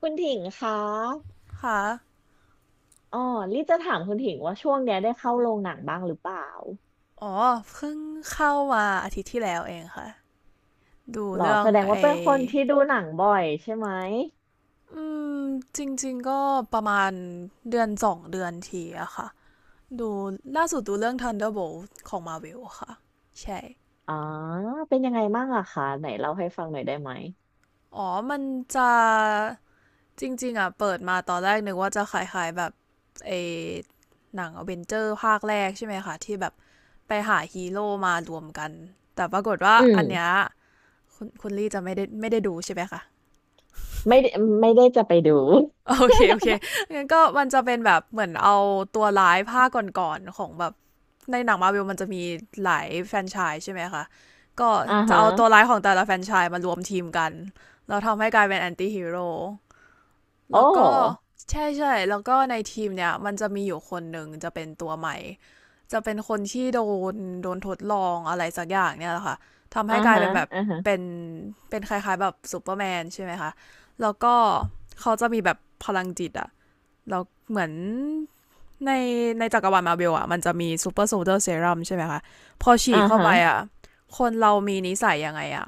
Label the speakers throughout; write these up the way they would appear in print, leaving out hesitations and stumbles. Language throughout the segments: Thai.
Speaker 1: คุณถิงคะ
Speaker 2: ค่ะ
Speaker 1: อ๋อลี่จะถามคุณถิงว่าช่วงเนี้ยได้เข้าโรงหนังบ้างหรือเปล่า
Speaker 2: อ๋อเพิ่งเข้ามาอาทิตย์ที่แล้วเองค่ะ ดู
Speaker 1: หรอ
Speaker 2: เรื่อ
Speaker 1: แส
Speaker 2: ง
Speaker 1: ดง
Speaker 2: ไอ
Speaker 1: ว่าเป็นคนที่ดูหนังบ่อยใช่ไหม
Speaker 2: อืมจริงๆก็ประมาณเดือนสองเดือนทีอะค่ะดูล่าสุดดูเรื่อง Thunderbolt ของ Marvel ค่ะ ใช่
Speaker 1: อ๋อเป็นยังไงบ้างอะคะไหนเล่าให้ฟังหน่อยได้ไหม
Speaker 2: อ๋อมันจะจริงๆอะเปิดมาตอนแรกนึกว่าจะคลายๆแบบเออหนังอเวนเจอร์ภาคแรกใช่ไหมคะที่แบบไปหาฮีโร่มารวมกัน แต่ปรากฏว่า
Speaker 1: อืม
Speaker 2: อันเนี้ยคุณลี่จะไม่ได้ดูใช่ไหมคะ
Speaker 1: ไม่ได้จะไปดู
Speaker 2: โอเคโอเคงั้นก็มันจะเป็นแบบเหมือนเอาตัวร้ายภาคก่อนๆของแบบในหนังมาร์เวลมันจะมีหลายแฟรนไชส์ใช่ไหมคะก็
Speaker 1: อ่า
Speaker 2: จะ
Speaker 1: ฮะ
Speaker 2: เอาตัวร้ายของแต่ละแฟรนไชส์มารวมทีมกันแล้วทำให้กลายเป็นแอนตี้ฮีโร่
Speaker 1: โอ
Speaker 2: แล้วก็
Speaker 1: ้
Speaker 2: ใช่ใช่แล้วก็ในทีมเนี่ยมันจะมีอยู่คนหนึ่งจะเป็นตัวใหม่ จะเป็นคนที่นโดนทดลองอะไรสักอย่างเนี่ยแหละค่ะทำ
Speaker 1: อ่า
Speaker 2: ให้กลาย
Speaker 1: ฮะ
Speaker 2: เป็นแบบ
Speaker 1: อ่าฮะ
Speaker 2: เป็นคล้ายๆแบบซูเปอร์แมนใช่ไหมคะแล้วก็เขาจะมีแบบพลังจิตอะ แล้วเหมือนในในจักรวาลมาร์เบลอ่ะมันจะมีซูเปอร์โซลเดอร์เซรั่มใช่ไหมคะพอฉี
Speaker 1: อ่า
Speaker 2: ดเข้า
Speaker 1: ฮะ
Speaker 2: ไปอ่ะคนเรามีนิสัยยังไงอ่ะ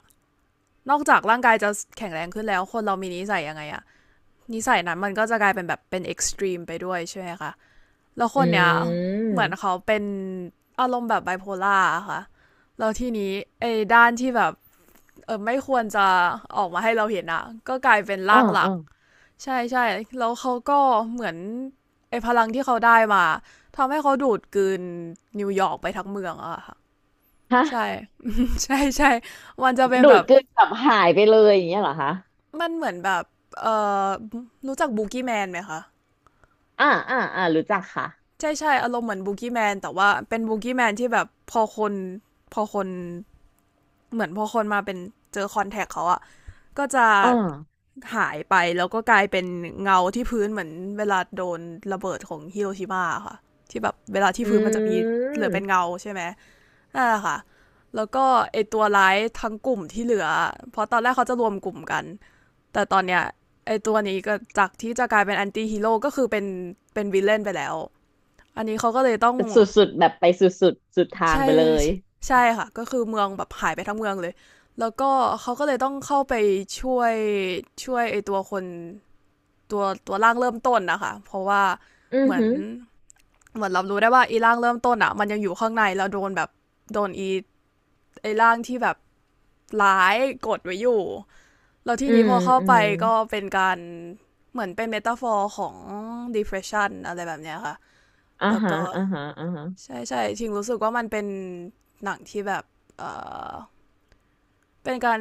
Speaker 2: นอกจากร่างกายจะแข็งแรงขึ้นแล้วคนเรามีนิสัยยังไงอ่ะนิสัยนั้นมันก็จะกลายเป็นแบบเป็นเอ็กซ์ตรีมไปด้วยใช่ไหมคะแล้วค
Speaker 1: อื
Speaker 2: นเนี้ยเหมือนเขา
Speaker 1: ม
Speaker 2: เป็นอารมณ์แบบไบโพล่าค่ะแล้วทีนี้ไอ้ด้านที่แบบเออไม่ควรจะออกมาให้เราเห็นอ่ะก็กลายเป็น
Speaker 1: อ่า
Speaker 2: ร่างหลั
Speaker 1: อ่า
Speaker 2: ก ใช่ใช่แล้วเขาก็เหมือนไอ้พลังที่เขาได้มาทำให้เขาดูดกลืนนิวยอร์กไปทั้งเมืองอะค่ะใช่
Speaker 1: ฮะ
Speaker 2: ใช่ ใช่มันจะเป็น
Speaker 1: ดู
Speaker 2: แบ
Speaker 1: ด
Speaker 2: บ
Speaker 1: กลืนแบบหายไปเลยอย่างเงี้ยเหรอคะ
Speaker 2: มันเหมือนแบบเอ่อรู้จักบูกี้แมนไหมคะ
Speaker 1: อ่าอ่าอ่ารู้จักค่ะ
Speaker 2: ใช่ใช่อารมณ์เหมือนบูกี้แมนแต่ว่าเป็นบูกี้แมนที่แบบพอคนเหมือนพอคนมาเป็นเจอคอนแทคเขาอะก็จะ
Speaker 1: อ่า
Speaker 2: หายไปแล้วก็กลายเป็นเงาที่พื้นเหมือนเวลาโดนระเบิดของฮิโรชิมาค่ะที่แบบเวลาที่พื้นมันจะ
Speaker 1: อื
Speaker 2: มีเหลือเป็น
Speaker 1: ม
Speaker 2: เงาใช่ไหมนั่นแหละค่ะแล้วก็ไอตัวร้ายทั้งกลุ่มที่เหลือเพราะตอนแรกเขาจะรวมกลุ่มกันแต่ตอนเนี้ยไอตัวนี้ก็จากที่จะกลายเป็นแอนตี้ฮีโร่ก็คือเป็นเป็นวิลเลนไปแล้วอันนี้เขาก็เลยต้อง
Speaker 1: สุดๆแบบไปสุดๆสุดทาง
Speaker 2: ใช่
Speaker 1: ไปเลย
Speaker 2: ใช่ใช่ค่ะก็คือเมืองแบบหายไปทั้งเมืองเลยแล้วก็เขาก็เลยต้องเข้าไปช่วยช่วยไอตัวคน ตัวร่างเริ่มต้นนะคะเพราะว่า
Speaker 1: อือ
Speaker 2: เหมือ
Speaker 1: หื
Speaker 2: น
Speaker 1: อ
Speaker 2: เหมือนเรารู้ได้ว่าอีร่างเริ่มต้นอ่ะมันยังอยู่ข้างในแล้วโดนแบบโดนอีไอร่างที่แบบร้ายกดไว้อยู่แล้วที่
Speaker 1: อื
Speaker 2: นี้
Speaker 1: ม
Speaker 2: พอเข้า
Speaker 1: อื
Speaker 2: ไป
Speaker 1: ม
Speaker 2: ก็เป็นการเหมือนเป็นเมตาฟอร์ของ depression อะไรแบบเนี้ยค่ะ
Speaker 1: อ่า
Speaker 2: แล้ว
Speaker 1: ฮะ
Speaker 2: ก็
Speaker 1: อ่าฮะอ่าฮะ
Speaker 2: ใช่ใช่ชิงรู้สึกว่ามันเป็นหนังที่แบบเออเป็นการ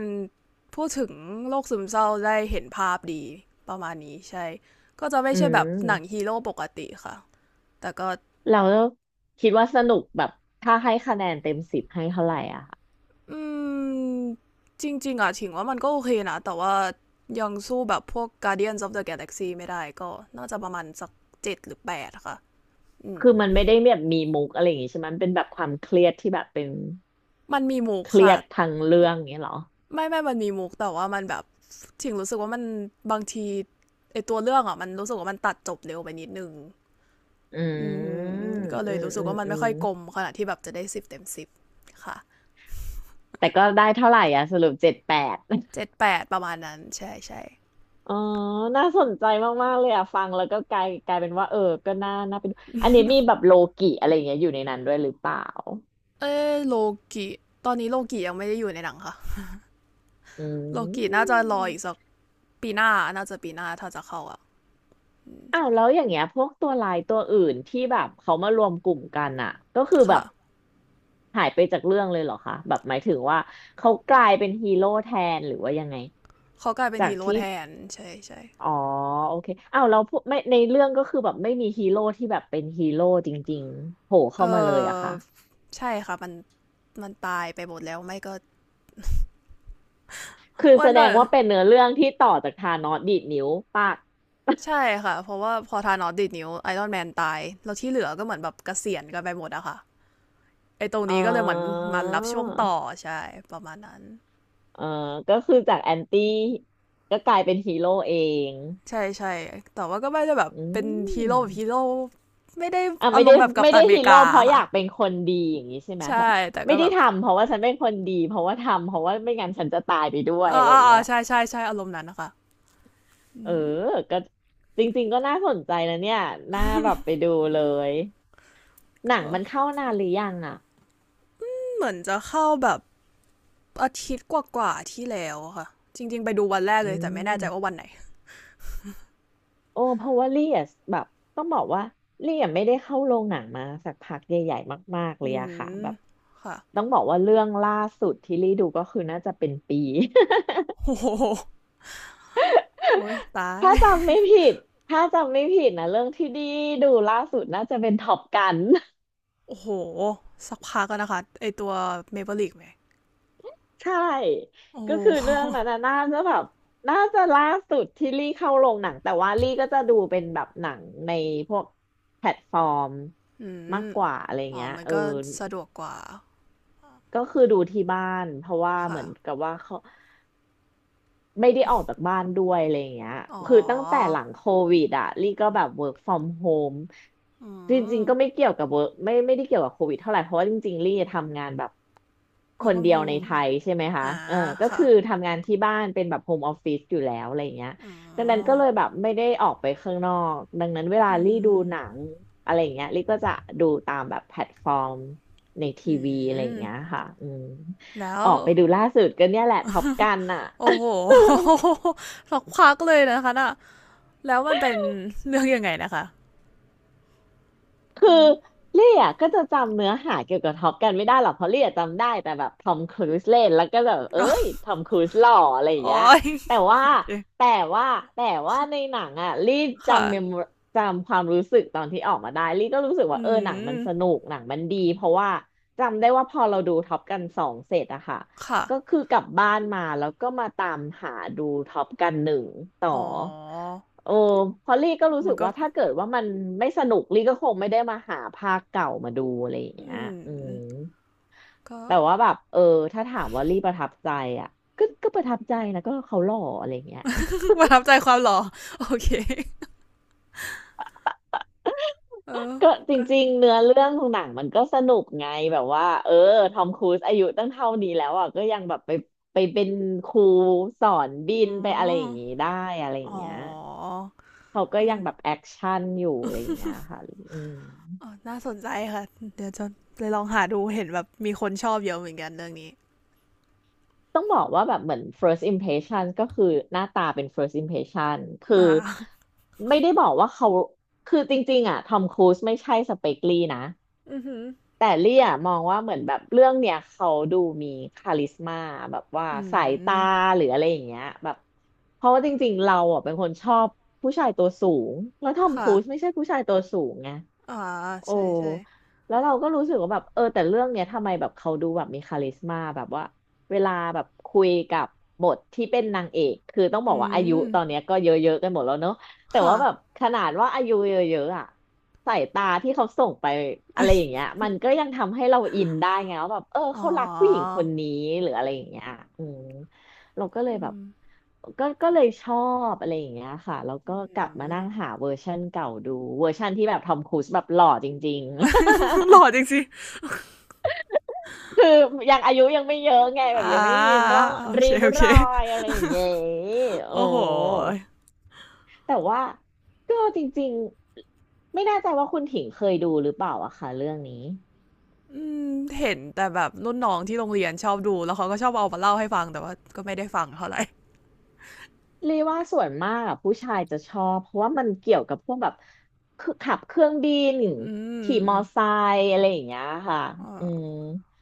Speaker 2: พูดถึงโรคซึมเศร้าได้เห็นภาพดีประมาณนี้ใช่ก็จะไม่
Speaker 1: อื
Speaker 2: ใช่แบบหนัง
Speaker 1: ม
Speaker 2: ฮีโร่ปกติค่ะ แต่ก็
Speaker 1: เราคิดว่าสนุกแบบถ้าให้คะแนนเต็มสิบให้เท่าไหร่อะค่ะ
Speaker 2: อืมจริงๆอ่ะถิงว่ามันก็โอเคนะแต่ว่ายังสู้แบบพวก Guardians of the Galaxy ไม่ได้ก็น่าจะประมาณสักเจ็ดหรือแปดค่ะอืม
Speaker 1: คือมันไม่ได้แบบมีมุกอะไรอย่างงี้ใช่ไหมมันเป็นแบบความเครียดที่แบบเป็น
Speaker 2: มันมีมุก
Speaker 1: เครี
Speaker 2: ค่ะ
Speaker 1: ยดทางเรื่องอย่างงี้เหรอ
Speaker 2: ไม่ไม่มันมีมุกแต่ว่ามันแบบถิงรู้สึกว่ามันบางทีไอตัวเรื่องอ่ะมันรู้สึกว่ามันตัดจบเร็วไปนิดนึง
Speaker 1: อื
Speaker 2: อืม
Speaker 1: ม
Speaker 2: ก็เล
Speaker 1: อื
Speaker 2: ย
Speaker 1: ม
Speaker 2: รู้สึ
Speaker 1: อื
Speaker 2: ก
Speaker 1: ม
Speaker 2: ว่ามัน
Speaker 1: อื
Speaker 2: ไม่
Speaker 1: ม
Speaker 2: ค่อยกลมขนาดที่แบบจะได้สิบเต็มสิบค่ะ
Speaker 1: แต่ก็ได้เท่าไหร่อะสรุปเจ็ดแปด
Speaker 2: เจ็ดแปดประมาณนั้นใช่ใช่
Speaker 1: อ๋อน่าสนใจมากๆเลยอ่ะฟังแล้วก็กลายเป็นว่าเออ ก็น่าไปดูอันนี้มีแบบโลกิอะไรอย่างเงี้ยอยู่ในนั้นด้วยหรือเปล่า
Speaker 2: เออโลกิตอนนี้โลกิยังไม่ได้อยู่ในหนังค่ะ
Speaker 1: อื
Speaker 2: โลกิน่าจะรออีกสั
Speaker 1: ม
Speaker 2: กปีหน้าน่าจะปีหน้าถ้าจะเข้าอ่ะ
Speaker 1: อ้าวแล้วอย่างเงี้ยพวกตัวลายตัวอื่นที่แบบเขามารวมกลุ่มกันอ่ะก็คือแบ
Speaker 2: ค่ะ
Speaker 1: บหายไปจากเรื่องเลยเหรอคะแบบหมายถึงว่าเขากลายเป็นฮีโร่แทนหรือว่ายังไง
Speaker 2: เขากลายเป็น
Speaker 1: จา
Speaker 2: ฮี
Speaker 1: ก
Speaker 2: โร่
Speaker 1: ที่
Speaker 2: แทนใช่ใช่
Speaker 1: อ๋อโอเคอ้าวแล้วพวกไม่ในเรื่องก็คือแบบไม่มีฮีโร่ที่แบบเป็นฮีโร่จริงๆโผล่
Speaker 2: เอ
Speaker 1: เข้ามาเลยอะ
Speaker 2: อ
Speaker 1: คะ
Speaker 2: ใช่ค่ะมันตายไปหมดแล้วไม่ก็
Speaker 1: คือ
Speaker 2: วั
Speaker 1: แส
Speaker 2: นเด
Speaker 1: ด
Speaker 2: อ
Speaker 1: ง
Speaker 2: ร์
Speaker 1: ว่าเป็นเนื้อเรื่องที่ต่อจากธานอสดีดนิ้วปาก
Speaker 2: ใช่ค่ะเพราะว่าพอทานอสดีดนิ้วไอรอนแมนตายแล้วที่เหลือก็เหมือนแบบเกษียณกันไปหมดอะค่ะไอตรง
Speaker 1: อ๋อ
Speaker 2: นี้ก็เลยเหมือนมันรับช่วงต่อใช่ประมาณนั้น
Speaker 1: เออก็คือจากแอนตี้ก็กลายเป็นฮีโร่เอง
Speaker 2: ใช่ใช่แต่ว่าก็ไม่ได้แบบ
Speaker 1: อื
Speaker 2: เป็นฮีโร่
Speaker 1: ม
Speaker 2: แบบฮีโร่ไม่ได้
Speaker 1: อ่ะ
Speaker 2: อา
Speaker 1: ไม่
Speaker 2: รม
Speaker 1: ได้
Speaker 2: ณ์แบบกัปตันอเม
Speaker 1: ฮี
Speaker 2: ริกา
Speaker 1: โร่เพราะอ
Speaker 2: ค่ะ
Speaker 1: ยากเป็นคนดีอย่างนี้ใช่ไหม
Speaker 2: ใช่
Speaker 1: แบบ
Speaker 2: แต่
Speaker 1: ไม่
Speaker 2: ก็แบ
Speaker 1: ได้
Speaker 2: บ
Speaker 1: ทำเพราะว่าฉันเป็นคนดีเพราะว่าทำเพราะว่าไม่งั้นฉันจะตายไปด้วย
Speaker 2: อ่า
Speaker 1: อะไรอ
Speaker 2: อ่า
Speaker 1: ย่างเงี้ย
Speaker 2: ใช่ใช่ใช่อารมณ์นั้นนะคะ
Speaker 1: เออก็จริงๆก็น่าสนใจนะเนี่ยน่าแบบไปดูเลยห
Speaker 2: ก็
Speaker 1: นังมันเข้านานหรือยังอ่ะ
Speaker 2: เหมือนจะเข้าแบบอาทิตย์กว่าๆที่แล้วค่ะจริงๆไปดูวันแรก
Speaker 1: อื
Speaker 2: เลยแต่ไม่แน่ใจว่า
Speaker 1: ม
Speaker 2: วันไหน
Speaker 1: โอ้เพราะว่าลี่อะแบบต้องบอกว่าลี่อะไม่ได้เข้าโรงหนังมาสักพักใหญ่ๆมากๆเล
Speaker 2: อื
Speaker 1: ยอะค่ะ
Speaker 2: ม
Speaker 1: แบบ
Speaker 2: ค่ะ
Speaker 1: ต้องบอกว่าเรื่องล่าสุดที่ลี่ดูก็คือน่าจะเป็นปี
Speaker 2: โอ้โหโอ้ยตา ย
Speaker 1: ถ้าจำไม่ผิดนะเรื่องที่ดีดูล่าสุดน่าจะเป็นท็อปกัน
Speaker 2: โอ้โหสักพักกันนะคะไอตัวเมเ l l ล a กไหม
Speaker 1: ใช่
Speaker 2: โอ้โ
Speaker 1: ก็คือ
Speaker 2: ห
Speaker 1: เรื่องนั้นน่ะน่าจะแบบน่าจะล่าสุดที่ลี่เข้าโรงหนังแต่ว่าลี่ก็จะดูเป็นแบบหนังในพวกแพลตฟอร์ม
Speaker 2: อื
Speaker 1: มาก
Speaker 2: ม
Speaker 1: กว่าอะไร
Speaker 2: อ๋อ
Speaker 1: เงี้ย
Speaker 2: มัน
Speaker 1: เออ
Speaker 2: ก็สะดวกกว่า
Speaker 1: ก็คือดูที่บ้านเพราะว่าเห
Speaker 2: ค่ะ
Speaker 1: มือนกับว่าเขา ไม่ได้ออกจากบ้านด้วยอะไรอย่างเงี้ย
Speaker 2: อ๋อ
Speaker 1: คือตั้งแต่หลังโควิดอะลี่ก็แบบ work from home
Speaker 2: อื
Speaker 1: จริ
Speaker 2: ม
Speaker 1: งๆ ก็ไม่เกี่ยวกับ work ไม่ได้เกี่ยวกับโควิดเท่าไหร่เพราะว่าจริงๆลี่ทำงานแบบค
Speaker 2: work
Speaker 1: น
Speaker 2: from
Speaker 1: เดียวในไท
Speaker 2: home
Speaker 1: ยใช่ไหมคะ
Speaker 2: อ่า
Speaker 1: เออก็
Speaker 2: ค่ะ
Speaker 1: คือทำงานที่บ้านเป็นแบบ home office อยู่แล้วอะไรอย่างเงี้ยดังนั้นก็เลยแบบไม่ได้ออกไปข้างนอกดังนั้นเวลา
Speaker 2: อื
Speaker 1: ลี่ดูหนั
Speaker 2: ม
Speaker 1: งอะไรอย่างเงี้ยลี่ก็จะดูตามแบบแพลตฟอร์มในที
Speaker 2: อื
Speaker 1: วีอะไรอย่า
Speaker 2: ม
Speaker 1: งเงี้ยค่ะอืม
Speaker 2: แล้
Speaker 1: อ
Speaker 2: ว
Speaker 1: อกไปดูล่าสุดก็เนี่ยแหละท็อปกันอ่ะ
Speaker 2: โอ้โห สักพักเลยนะคะน่ะ แล้วมันเป็นเรื่องยังไงนะคะ
Speaker 1: คือ
Speaker 2: อ
Speaker 1: เล่อะก็จะจำเนื้อหาเกี่ยวกับท็อปกันไม่ได้หรอกเพราะเล่อะจำได้แต่แบบทอมครูซเล่นแล้วก็แบบเอ้ยทอมครูซหล่ออะไรอย่าง
Speaker 2: ๋อ
Speaker 1: เงี้ยแต่ว่า
Speaker 2: โอเค
Speaker 1: แต่ว่าแต่ใน
Speaker 2: ค่ะ
Speaker 1: หนังอะลี่จำเมมจำความรู้สึกตอนที่ออกมาได้ลี่ก็รู้สึก
Speaker 2: อื
Speaker 1: ว่าเออหนังมัน
Speaker 2: ม
Speaker 1: สนุกหนังมันดีเพราะว่าจำได้ว่าพอเราดูท็อปกันสองเสร็จอะค่ะ
Speaker 2: ค่ะ
Speaker 1: ก็คือกลับบ้านมาแล้วก็มาตามหาดูท็อปกันหนึ่งต่อ
Speaker 2: อ๋อ
Speaker 1: โอ้เพราะลี่ก็รู้
Speaker 2: มั
Speaker 1: สึ
Speaker 2: น
Speaker 1: ก
Speaker 2: ก็
Speaker 1: ว่าถ้าเกิดว่ามันไม่สนุกลี่ก็คงไม่ได้มาหาภาคเก่ามาดูอะไรอย่างเงี้
Speaker 2: อื
Speaker 1: ยอืม
Speaker 2: ม ก็
Speaker 1: แต่ว่าแบบเออถ้าถามว่าลี่ประทับใจอ่ะก็ประทับใจนะก็เขาหล่ออะไรอย่างเงี้ย
Speaker 2: ประทับใจความหล่อโอเค เออ
Speaker 1: ก็จ
Speaker 2: ก็
Speaker 1: ริงๆเนื้อเรื่องของหนังมันก็สนุกไงแบบว่าเออทอมครูซอายุตั้งเท่านี้แล้วอ่ะก็ยังแบบไปเป็นครูสอนบิ
Speaker 2: อื
Speaker 1: นไปอะไรอ
Speaker 2: ม
Speaker 1: ย่างงี้ได้อะไรอ
Speaker 2: อ๋
Speaker 1: ย่างเงี้ย
Speaker 2: อ
Speaker 1: เขาก็
Speaker 2: เอ
Speaker 1: ยั
Speaker 2: อ
Speaker 1: งแบบแอคชั่นอยู่อะไรอย่างเงี้ยค่ะอืม
Speaker 2: ออน่าสนใจค่ะ เดี๋ยวจะไปลองหาดูเห็นแบบมีคนชอบเยอะเหมือนกันเรื่องนี้
Speaker 1: ต้องบอกว่าแบบเหมือน first impression ก็คือหน้าตาเป็น first impression คือ
Speaker 2: อ่า
Speaker 1: ไม่ได้บอกว่าเขาคือจริงๆอ่ะทอมครูซไม่ใช่สเปกลี่นะ
Speaker 2: อือหือ
Speaker 1: แต่เลี่ยมองว่าเหมือนแบบเรื่องเนี้ยเขาดูมีคาลิสมาแบบว่า
Speaker 2: อื
Speaker 1: สายตา
Speaker 2: ม
Speaker 1: หรืออะไรอย่างเงี้ยแบบเพราะว่าจริงๆเราอ่ะเป็นคนชอบผู้ชายตัวสูงแล้วทอมค
Speaker 2: ค่ะ
Speaker 1: รูซไม่ใช่ผู้ชายตัวสูงไง
Speaker 2: อ่า
Speaker 1: โอ้
Speaker 2: ใช่ใช่
Speaker 1: แล้วเราก็รู้สึกว่าแบบเออแต่เรื่องเนี้ยทำไมแบบเขาดูแบบมีคาลิสมาแบบว่าเวลาแบบคุยกับบทที่เป็นนางเอกคือต้องบอ
Speaker 2: อื
Speaker 1: กว่าอายุ
Speaker 2: ม
Speaker 1: ตอนเนี้ยก็เยอะๆกันหมดแล้วเนอะ แต่
Speaker 2: ค่ะ
Speaker 1: ว่าแบบขนาดว่าอายุเยอะๆอ่ะสายตาที่เขาส่งไปอะไรอ ย่างเงี้ยมันก็ยังทำให้เราอินได้ไงว่าแบบเออ
Speaker 2: อ๋อ
Speaker 1: เขารักผู้หญิงคนนี้หรืออะไรอย่างเงี้ยอืมเราก็เลย
Speaker 2: อื
Speaker 1: แบบ
Speaker 2: ม
Speaker 1: ก็เลยชอบอะไรอย่างเงี้ยค่ะแล้วก็กลับมานั่งหาเวอร์ชันเก่าดูเวอร์ชันที่แบบทอมครูซแบบหล่อจริง
Speaker 2: หล่อจริงสิ
Speaker 1: ๆ คือยังอายุยังไม่เยอะไงแบ
Speaker 2: อ่
Speaker 1: บยังไม่มี
Speaker 2: า
Speaker 1: ร่อง
Speaker 2: โอเค
Speaker 1: ริ้ว
Speaker 2: โอเค
Speaker 1: รอยอะไรอย่างเงี้ย
Speaker 2: โอ้
Speaker 1: โอ้
Speaker 2: โห
Speaker 1: แต่ว่าก็จริงๆไม่แน่ใจว่าคุณถิงเคยดูหรือเปล่าอะค่ะเรื่องนี้
Speaker 2: อืมเห็นแต่แบบรุ่นน้องที่โรงเรียนชอบดูแล้วเขาก็ชอบเอามาเล่าให้ฟังแต่ว่าก็ไม่ได้ฟังเท่าไหร่
Speaker 1: เรียกว่าส่วนมากอะผู้ชายจะชอบเพราะว่ามันเกี่ยวกับพวกแบบคือขับเครื่องบิน
Speaker 2: อืม
Speaker 1: ขี่ม
Speaker 2: อื
Speaker 1: อ
Speaker 2: ม
Speaker 1: ไซค์อะไรอย่างเงี้ยค่ะ
Speaker 2: อ
Speaker 1: อืม
Speaker 2: ่า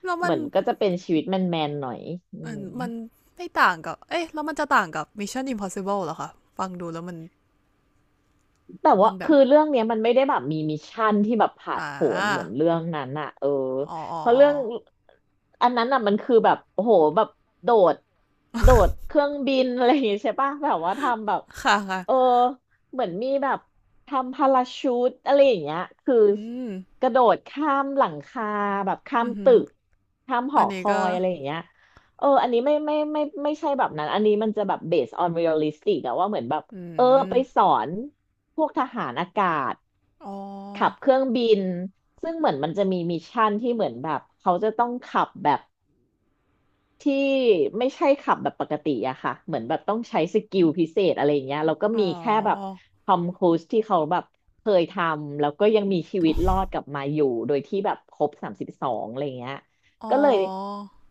Speaker 2: แล้ว
Speaker 1: เห
Speaker 2: มัน
Speaker 1: มือนก็จะเป็นชีวิตแมนๆหน่อยอื
Speaker 2: มัน
Speaker 1: ม
Speaker 2: มันไม่ต่างกับ เอ๊ะแล้วมันจะต่างกับ Mission Impossible เหรอคะ ฟังดูแล้วมัน
Speaker 1: แต่
Speaker 2: มั
Speaker 1: ว่า
Speaker 2: นแบบ
Speaker 1: คือเรื่องเนี้ยมันไม่ได้แบบมีมิชชั่นที่แบบผาด
Speaker 2: อ่า
Speaker 1: โผนเหมือนเรื่องนั้นอะเออ
Speaker 2: อ๋ออ๋อ
Speaker 1: เพราะ
Speaker 2: อ๋อ
Speaker 1: เรื่องอันนั้นอะมันคือแบบโอ้โหแบบโดดโดดเครื่องบินอะไรอย่างงี้ใช่ปะแบบว่าทำแบบ
Speaker 2: ค่ะค่ะ
Speaker 1: เออเหมือนมีแบบทำพาราชูตอะไรอย่างเงี้ยคือ
Speaker 2: อืม
Speaker 1: กระโดดข้ามหลังคาแบบข้า
Speaker 2: อื
Speaker 1: ม
Speaker 2: มอหื
Speaker 1: ตึ
Speaker 2: อ
Speaker 1: กข้ามห
Speaker 2: อั
Speaker 1: อ
Speaker 2: น
Speaker 1: ค
Speaker 2: นี้
Speaker 1: อ
Speaker 2: ก็
Speaker 1: ยอะไรอย่างเงี้ยเอออันนี้ไม่ใช่แบบนั้นอันนี้มันจะแบบ based on realistic อะว่าเหมือนแบบ
Speaker 2: อื
Speaker 1: เออไปส
Speaker 2: ม
Speaker 1: อนพวกทหารอากาศ
Speaker 2: อ๋อ
Speaker 1: ขับเครื่องบินซึ่งเหมือนมันจะมีมิชชั่นที่เหมือนแบบเขาจะต้องขับแบบ ที่ไม่ใช่ขับแบบปกติอะค่ะเหมือนแบบต้องใช้สกิลพิเศษอะไรอย่างเงี้ยแล้วก็
Speaker 2: อ๋อ
Speaker 1: มีแค่แบบทอมครูซที่เขาแบบเคยทำแล้วก็ยังมีชีวิตรอดกลับมาอยู่โดยที่แบบครบ32อะไรอย่างเงี้ย
Speaker 2: อ๋อ
Speaker 1: ก็เลย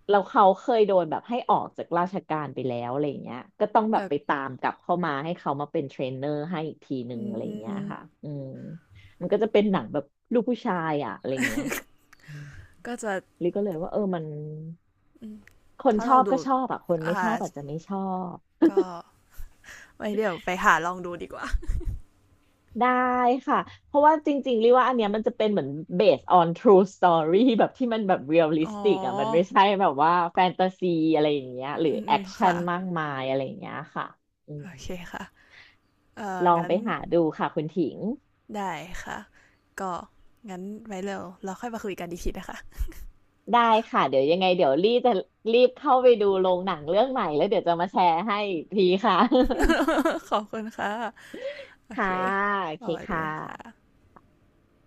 Speaker 1: แล้วเขาเคยโดนแบบให้ออกจากราชการไปแล้วอะไรอย่างเงี้ยก็ต้องแบบ
Speaker 2: แต่
Speaker 1: ไปตามกลับเข้ามาให้เขามาเป็นเทรนเนอร์ให้อีกทีหนึ่
Speaker 2: อื
Speaker 1: ง
Speaker 2: ม
Speaker 1: อะไรอ
Speaker 2: อื
Speaker 1: ย่าง
Speaker 2: ม
Speaker 1: เงี้
Speaker 2: อื
Speaker 1: ย
Speaker 2: ม
Speaker 1: ค่ะอืมมันก็จะเป็นหนังแบบลูกผู้ชายอะอะไรอย่างเงี้ยอืม
Speaker 2: ก็จะ
Speaker 1: ลิก็เลยว่าเออมัน
Speaker 2: อืม
Speaker 1: คน
Speaker 2: ถ้า
Speaker 1: ช
Speaker 2: เรา
Speaker 1: อบ
Speaker 2: ดู
Speaker 1: ก็ชอบอะคนไม่
Speaker 2: อ่า
Speaker 1: ชอบอาจจะไม่ชอบ
Speaker 2: ก็ไว้เดี๋ยวไปหาลองดูดีกว่า
Speaker 1: ได้ค่ะเพราะว่าจริงๆเรียกว่าอันเนี้ยมันจะเป็นเหมือน based on true story แบบที่มันแบบ
Speaker 2: อ๋อ
Speaker 1: realistic อะมันไม่ใช่แบบว่าแฟนตาซีอะไรอย่างเงี้ย
Speaker 2: อื
Speaker 1: หรือ
Speaker 2: มอื
Speaker 1: แอ
Speaker 2: ม
Speaker 1: คชั่
Speaker 2: ค่ะ
Speaker 1: นมากมายอะไรอย่างเงี้ยค่ะอื
Speaker 2: โอ
Speaker 1: ม
Speaker 2: เคค่ะ
Speaker 1: ลอง
Speaker 2: งั้
Speaker 1: ไป
Speaker 2: น
Speaker 1: หาดูค่ะคุณถิง
Speaker 2: ได้ค่ะ ก็งั้นไว้เร็วเราค่อยมาคุยกันอีกทีนะคะ
Speaker 1: ได้ค่ะเดี๋ยวยังไงเดี๋ยวรีจะรีบเข้าไปดูโรงหนังเรื่องใหม่แล้วเดี๋ยวจะมาแชร์ให้อีกทีค่ะ
Speaker 2: ขอบคุณค่ะ โอ
Speaker 1: ค่ะ
Speaker 2: เค
Speaker 1: โอ
Speaker 2: ส
Speaker 1: เค
Speaker 2: วัส
Speaker 1: ค่
Speaker 2: ดีค่ะ
Speaker 1: ะ